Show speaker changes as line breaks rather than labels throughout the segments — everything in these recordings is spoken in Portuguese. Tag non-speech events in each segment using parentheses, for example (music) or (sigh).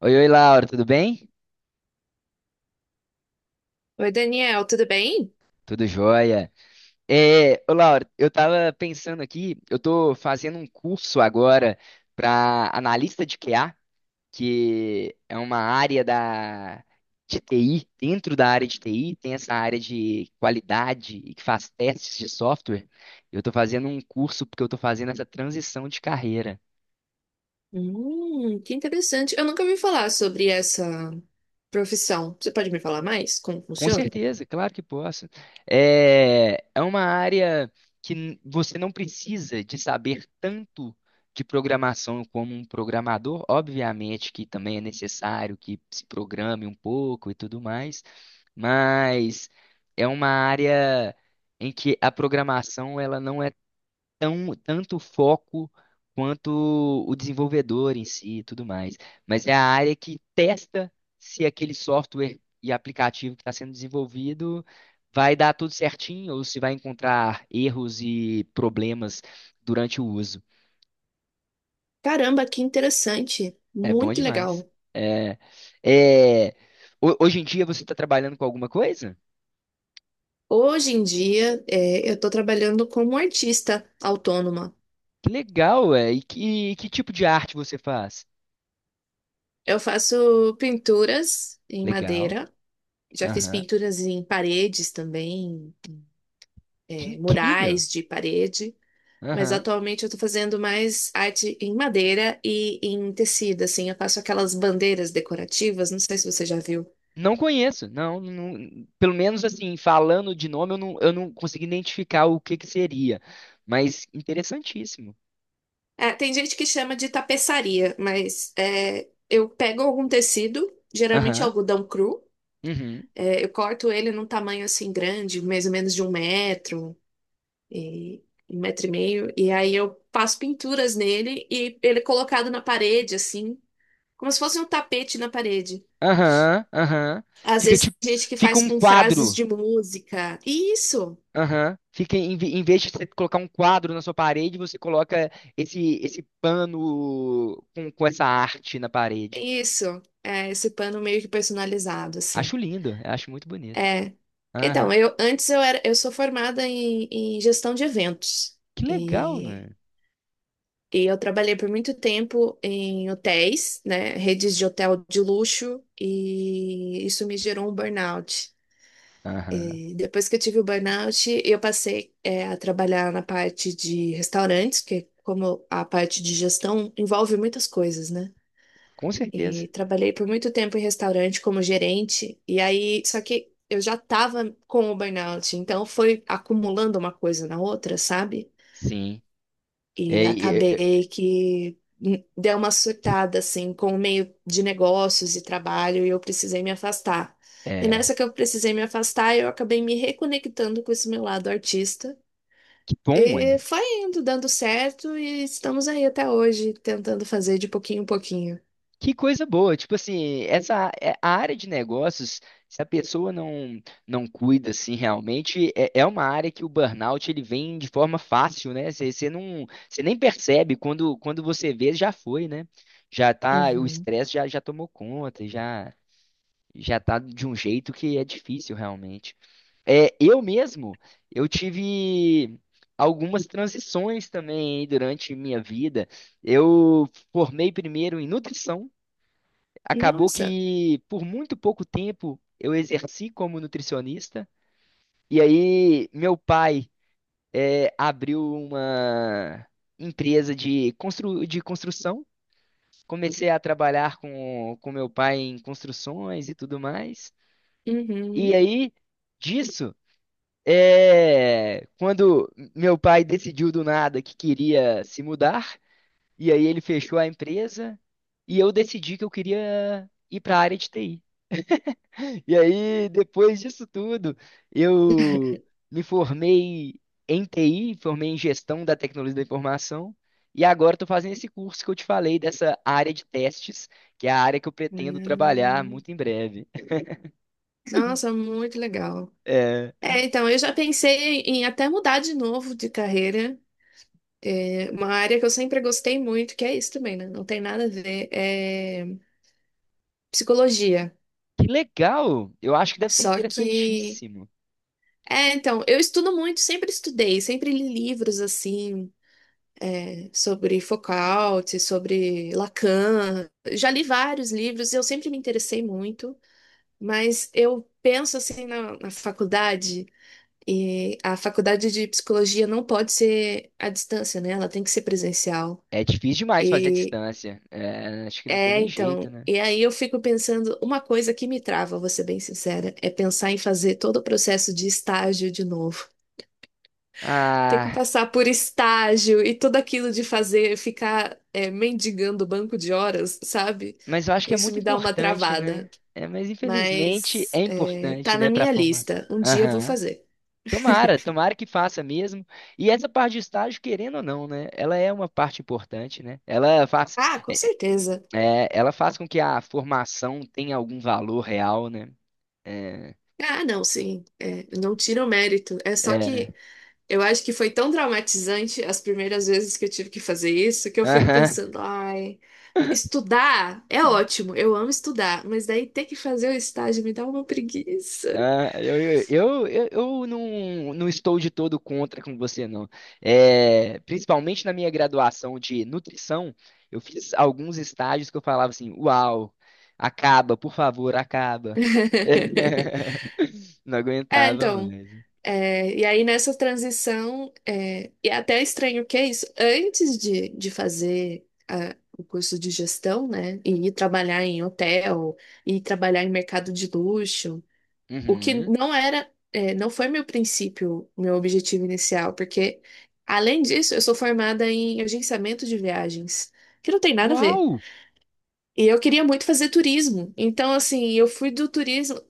Oi, oi, Laura, tudo bem?
Oi, Daniel, tudo bem?
Tudo jóia. Ô, Laura, eu tava pensando aqui, eu tô fazendo um curso agora para analista de QA, que é uma área de TI. Dentro da área de TI, tem essa área de qualidade e que faz testes de software. Eu tô fazendo um curso porque eu tô fazendo essa transição de carreira.
Que interessante. Eu nunca ouvi falar sobre essa profissão. Você pode me falar mais como
Com
funciona?
certeza, claro que posso. É uma área você não precisa de saber tanto de programação como um programador. Obviamente que também é necessário que se programe um pouco e tudo mais, mas é uma área em que a programação ela não tanto o foco quanto o desenvolvedor em si e tudo mais. Mas é a área que testa se aquele software e aplicativo que está sendo desenvolvido vai dar tudo certinho ou se vai encontrar erros e problemas durante o uso.
Caramba, que interessante.
É bom
Muito
demais.
legal.
É, é, Ho- hoje em dia você está trabalhando com alguma coisa?
Hoje em dia, é, eu estou trabalhando como artista autônoma.
Que legal, é. E que tipo de arte você faz?
Eu faço pinturas em
Legal.
madeira. Já fiz
Aham.
pinturas em paredes também,
Que
é,
incrível.
murais de parede. Mas atualmente eu tô fazendo mais arte em madeira e em tecido, assim. Eu faço aquelas bandeiras decorativas, não sei se você já viu.
Não conheço, não, pelo menos assim, falando de nome, eu não consegui identificar o que que seria, mas interessantíssimo.
É, tem gente que chama de tapeçaria, mas é, eu pego algum tecido, geralmente
Aham,
algodão cru,
uhum,
é, eu corto ele num tamanho assim grande, mais ou menos de e, um metro e meio, e aí eu passo pinturas nele e ele é colocado na parede, assim, como se fosse um tapete na parede.
aham, aham.
Às
Fica
vezes
tipo,
tem gente que
fica
faz
um
com frases
quadro,
de música. Isso,
aham. Fica, em, ve- em vez de você colocar um quadro na sua parede, você coloca esse pano com essa arte na parede.
isso. É esse pano meio que personalizado, assim.
Acho lindo, acho muito bonito.
É.
Aham,
Então, eu antes eu era, eu sou formada em, em gestão de eventos.
que legal,
E,
mano.
eu trabalhei por muito tempo em hotéis, né? Redes de hotel de luxo, e isso me gerou um burnout.
Aham,
E depois que eu tive o burnout, eu passei, é, a trabalhar na parte de restaurantes, que é como a parte de gestão envolve muitas coisas, né?
com certeza.
E trabalhei por muito tempo em restaurante como gerente, e aí, só que eu já estava com o burnout, então foi acumulando uma coisa na outra, sabe?
Sim.
E
é, é,
acabei que deu uma surtada assim com o meio de negócios e trabalho e eu precisei me afastar.
é.
E nessa
é.
que eu precisei me afastar, eu acabei me reconectando com esse meu lado artista.
Que bom,
E
é.
foi indo, dando certo, e estamos aí até hoje, tentando fazer de pouquinho em pouquinho.
Que coisa boa. Tipo assim, a área de negócios, se a pessoa não não cuida assim realmente, é, é uma área que o burnout ele vem de forma fácil, né? Você não, você nem percebe quando você vê, já foi, né? Já tá, o
Uhum.
estresse já tomou conta, já tá de um jeito que é difícil realmente. É, eu mesmo, eu tive algumas transições também aí durante minha vida. Eu formei primeiro em nutrição, acabou
Nossa.
que por muito pouco tempo eu exerci como nutricionista, e aí meu pai abriu uma empresa de, constru de construção. Comecei a trabalhar com meu pai em construções e tudo mais. E
Uhum.
aí, disso, quando meu pai decidiu do nada que queria se mudar, e aí ele fechou a empresa, e eu decidi que eu queria ir para a área de TI. E aí, depois disso tudo, eu me formei em TI, formei em gestão da tecnologia da informação, e agora estou fazendo esse curso que eu te falei dessa área de testes, que é a área que eu pretendo trabalhar
Hum.
muito em breve.
Nossa, muito legal.
(laughs)
É, então, eu já pensei em até mudar de novo de carreira. É, uma área que eu sempre gostei muito, que é isso também, né? Não tem nada a ver, é psicologia.
Que legal! Eu acho que deve ser
Só que.
interessantíssimo.
É, então, eu estudo muito, sempre estudei, sempre li livros assim, é, sobre Foucault, sobre Lacan. Já li vários livros, eu sempre me interessei muito, mas eu penso assim na faculdade. E a faculdade de psicologia não pode ser à distância, né? Ela tem que ser presencial.
É difícil demais fazer a
E
distância. É, acho que não tem
é,
nem jeito,
então,
né?
e aí eu fico pensando, uma coisa que me trava, vou ser bem sincera, é pensar em fazer todo o processo de estágio de novo. Ter que
Ah,
passar por estágio e tudo aquilo de fazer, ficar é, mendigando banco de horas, sabe?
mas eu acho que é
Isso
muito
me dá uma
importante, né?
travada.
É, mas infelizmente
Mas
é
é,
importante,
tá na
né, para a
minha
formação.
lista. Um dia eu vou
Aham.
fazer.
Tomara, tomara que faça mesmo. E essa parte de estágio, querendo ou não, né? Ela é uma parte importante, né?
Ah, com
É,
certeza.
ela faz com que a formação tenha algum valor real, né? É,
Ah, não, sim. É, não tira o mérito. É só
é.
que eu acho que foi tão traumatizante as primeiras vezes que eu tive que fazer isso que eu fico
(laughs)
pensando, ai, estudar é ótimo, eu amo estudar, mas daí ter que fazer o estágio me dá uma preguiça.
Ah, eu não, não estou de todo contra com você, não. É, principalmente na minha graduação de nutrição, eu fiz alguns estágios que eu falava assim: Uau, acaba, por favor, acaba.
(laughs)
(laughs) Não
É,
aguentava
então.
mais.
É, e aí nessa transição, é, e é até estranho que é isso, antes de fazer ah, o curso de gestão, né, e ir trabalhar em hotel, ir trabalhar em mercado de luxo. O que
Uhum.
não era, é, não foi meu princípio, meu objetivo inicial, porque, além disso, eu sou formada em agenciamento de viagens, que não tem nada a ver.
Uau!
E eu queria muito fazer turismo. Então, assim, eu fui do turismo.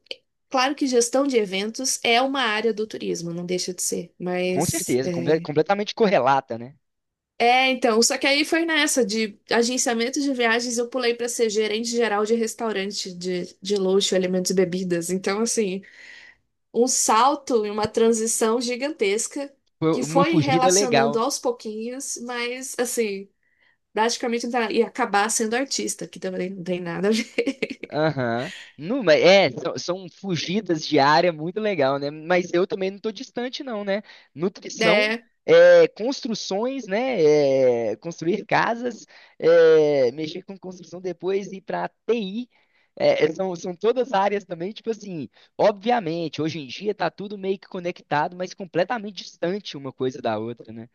Claro que gestão de eventos é uma área do turismo, não deixa de ser,
Com
mas
certeza,
é,
completamente correlata, né?
é, então, só que aí foi nessa de agenciamento de viagens, eu pulei para ser gerente geral de restaurante de luxo, alimentos e bebidas. Então, assim, um salto e uma transição gigantesca
Foi
que
uma
foi
fugida
relacionando
legal.
aos pouquinhos, mas assim, praticamente tá- ia acabar sendo artista, que também não tem nada a ver. (laughs)
Aham. Não, mas é, são, são fugidas de área muito legal, né? Mas eu também não estou distante, não, né? Nutrição,
É,
é, construções, né? É, construir casas, é, mexer com construção depois e para TI. É, é, são, são todas áreas também, tipo assim, obviamente, hoje em dia tá tudo meio que conectado, mas completamente distante uma coisa da outra, né?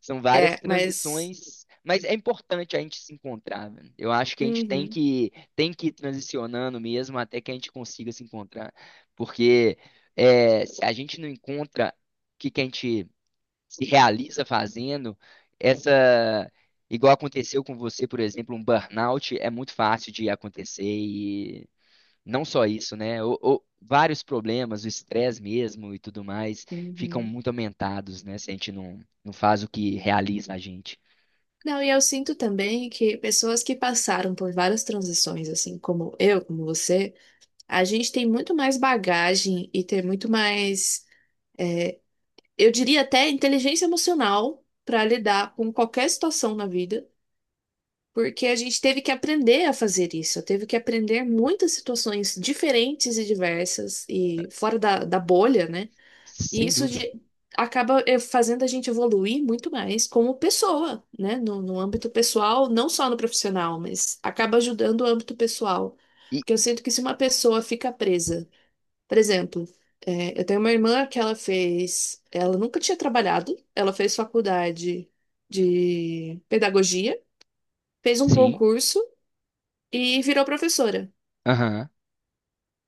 São várias
é, mas.
transições, mas é importante a gente se encontrar, velho. Eu acho que a gente
Uhum,
tem que ir transicionando mesmo até que a gente consiga se encontrar, porque é, se a gente não encontra o que que a gente se realiza fazendo, essa igual aconteceu com você, por exemplo, um burnout é muito fácil de acontecer não só isso, né? Vários problemas, o estresse mesmo e tudo mais, ficam
uhum.
muito aumentados, né? Se a gente não, não faz o que realiza a gente.
Não, e eu sinto também que pessoas que passaram por várias transições, assim como eu, como você, a gente tem muito mais bagagem e tem muito mais, eu diria até inteligência emocional para lidar com qualquer situação na vida. Porque a gente teve que aprender a fazer isso. Eu teve que aprender muitas situações diferentes e diversas e fora da bolha, né? E
Sem
isso
dúvida.
de- acaba fazendo a gente evoluir muito mais como pessoa, né? No âmbito pessoal, não só no profissional, mas acaba ajudando o âmbito pessoal.
E
Porque eu sinto que se uma pessoa fica presa, por exemplo, eu tenho uma irmã que ela fez, ela nunca tinha trabalhado, ela fez faculdade de pedagogia, fez um
sim,
concurso e virou professora.
aham.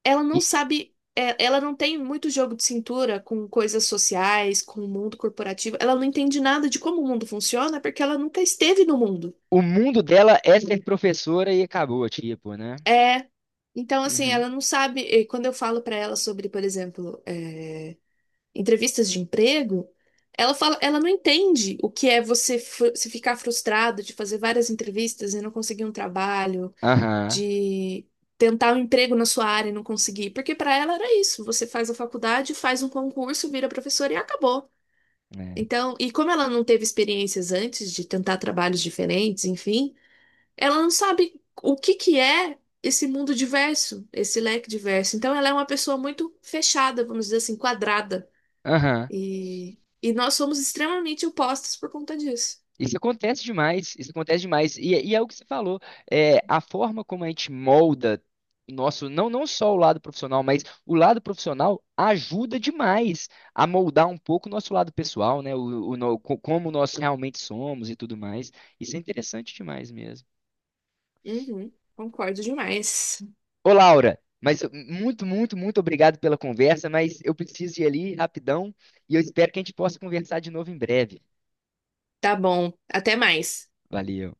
Ela não
E
sabe, é, ela não tem muito jogo de cintura com coisas sociais, com o mundo corporativo. Ela não entende nada de como o mundo funciona porque ela nunca esteve no mundo.
o mundo dela é ser professora e acabou, tipo, né?
É, então assim,
Uhum.
ela não sabe. E quando eu falo pra ela sobre, por exemplo, é, entrevistas de emprego, ela fala, ela não entende o que é você fru- se ficar frustrado de fazer várias entrevistas e não conseguir um trabalho
Aham.
de tentar um emprego na sua área e não conseguir, porque para ela era isso, você faz a faculdade, faz um concurso, vira professora e acabou.
é.
Então, e como ela não teve experiências antes de tentar trabalhos diferentes, enfim, ela não sabe o que que é esse mundo diverso, esse leque diverso. Então, ela é uma pessoa muito fechada, vamos dizer assim, quadrada.
Aham.
E nós somos extremamente opostos por conta disso.
Isso acontece demais, isso acontece demais. E é o que você falou, é, a forma como a gente molda o nosso, não, não só o lado profissional, mas o lado profissional ajuda demais a moldar um pouco o nosso lado pessoal, né? O no- co- como nós realmente somos e tudo mais. Isso é interessante demais mesmo.
Uhum, concordo demais.
Ô, Laura, mas muito, muito, muito obrigado pela conversa, mas eu preciso ir ali rapidão e eu espero que a gente possa conversar de novo em breve.
Tá bom, até mais.
Valeu.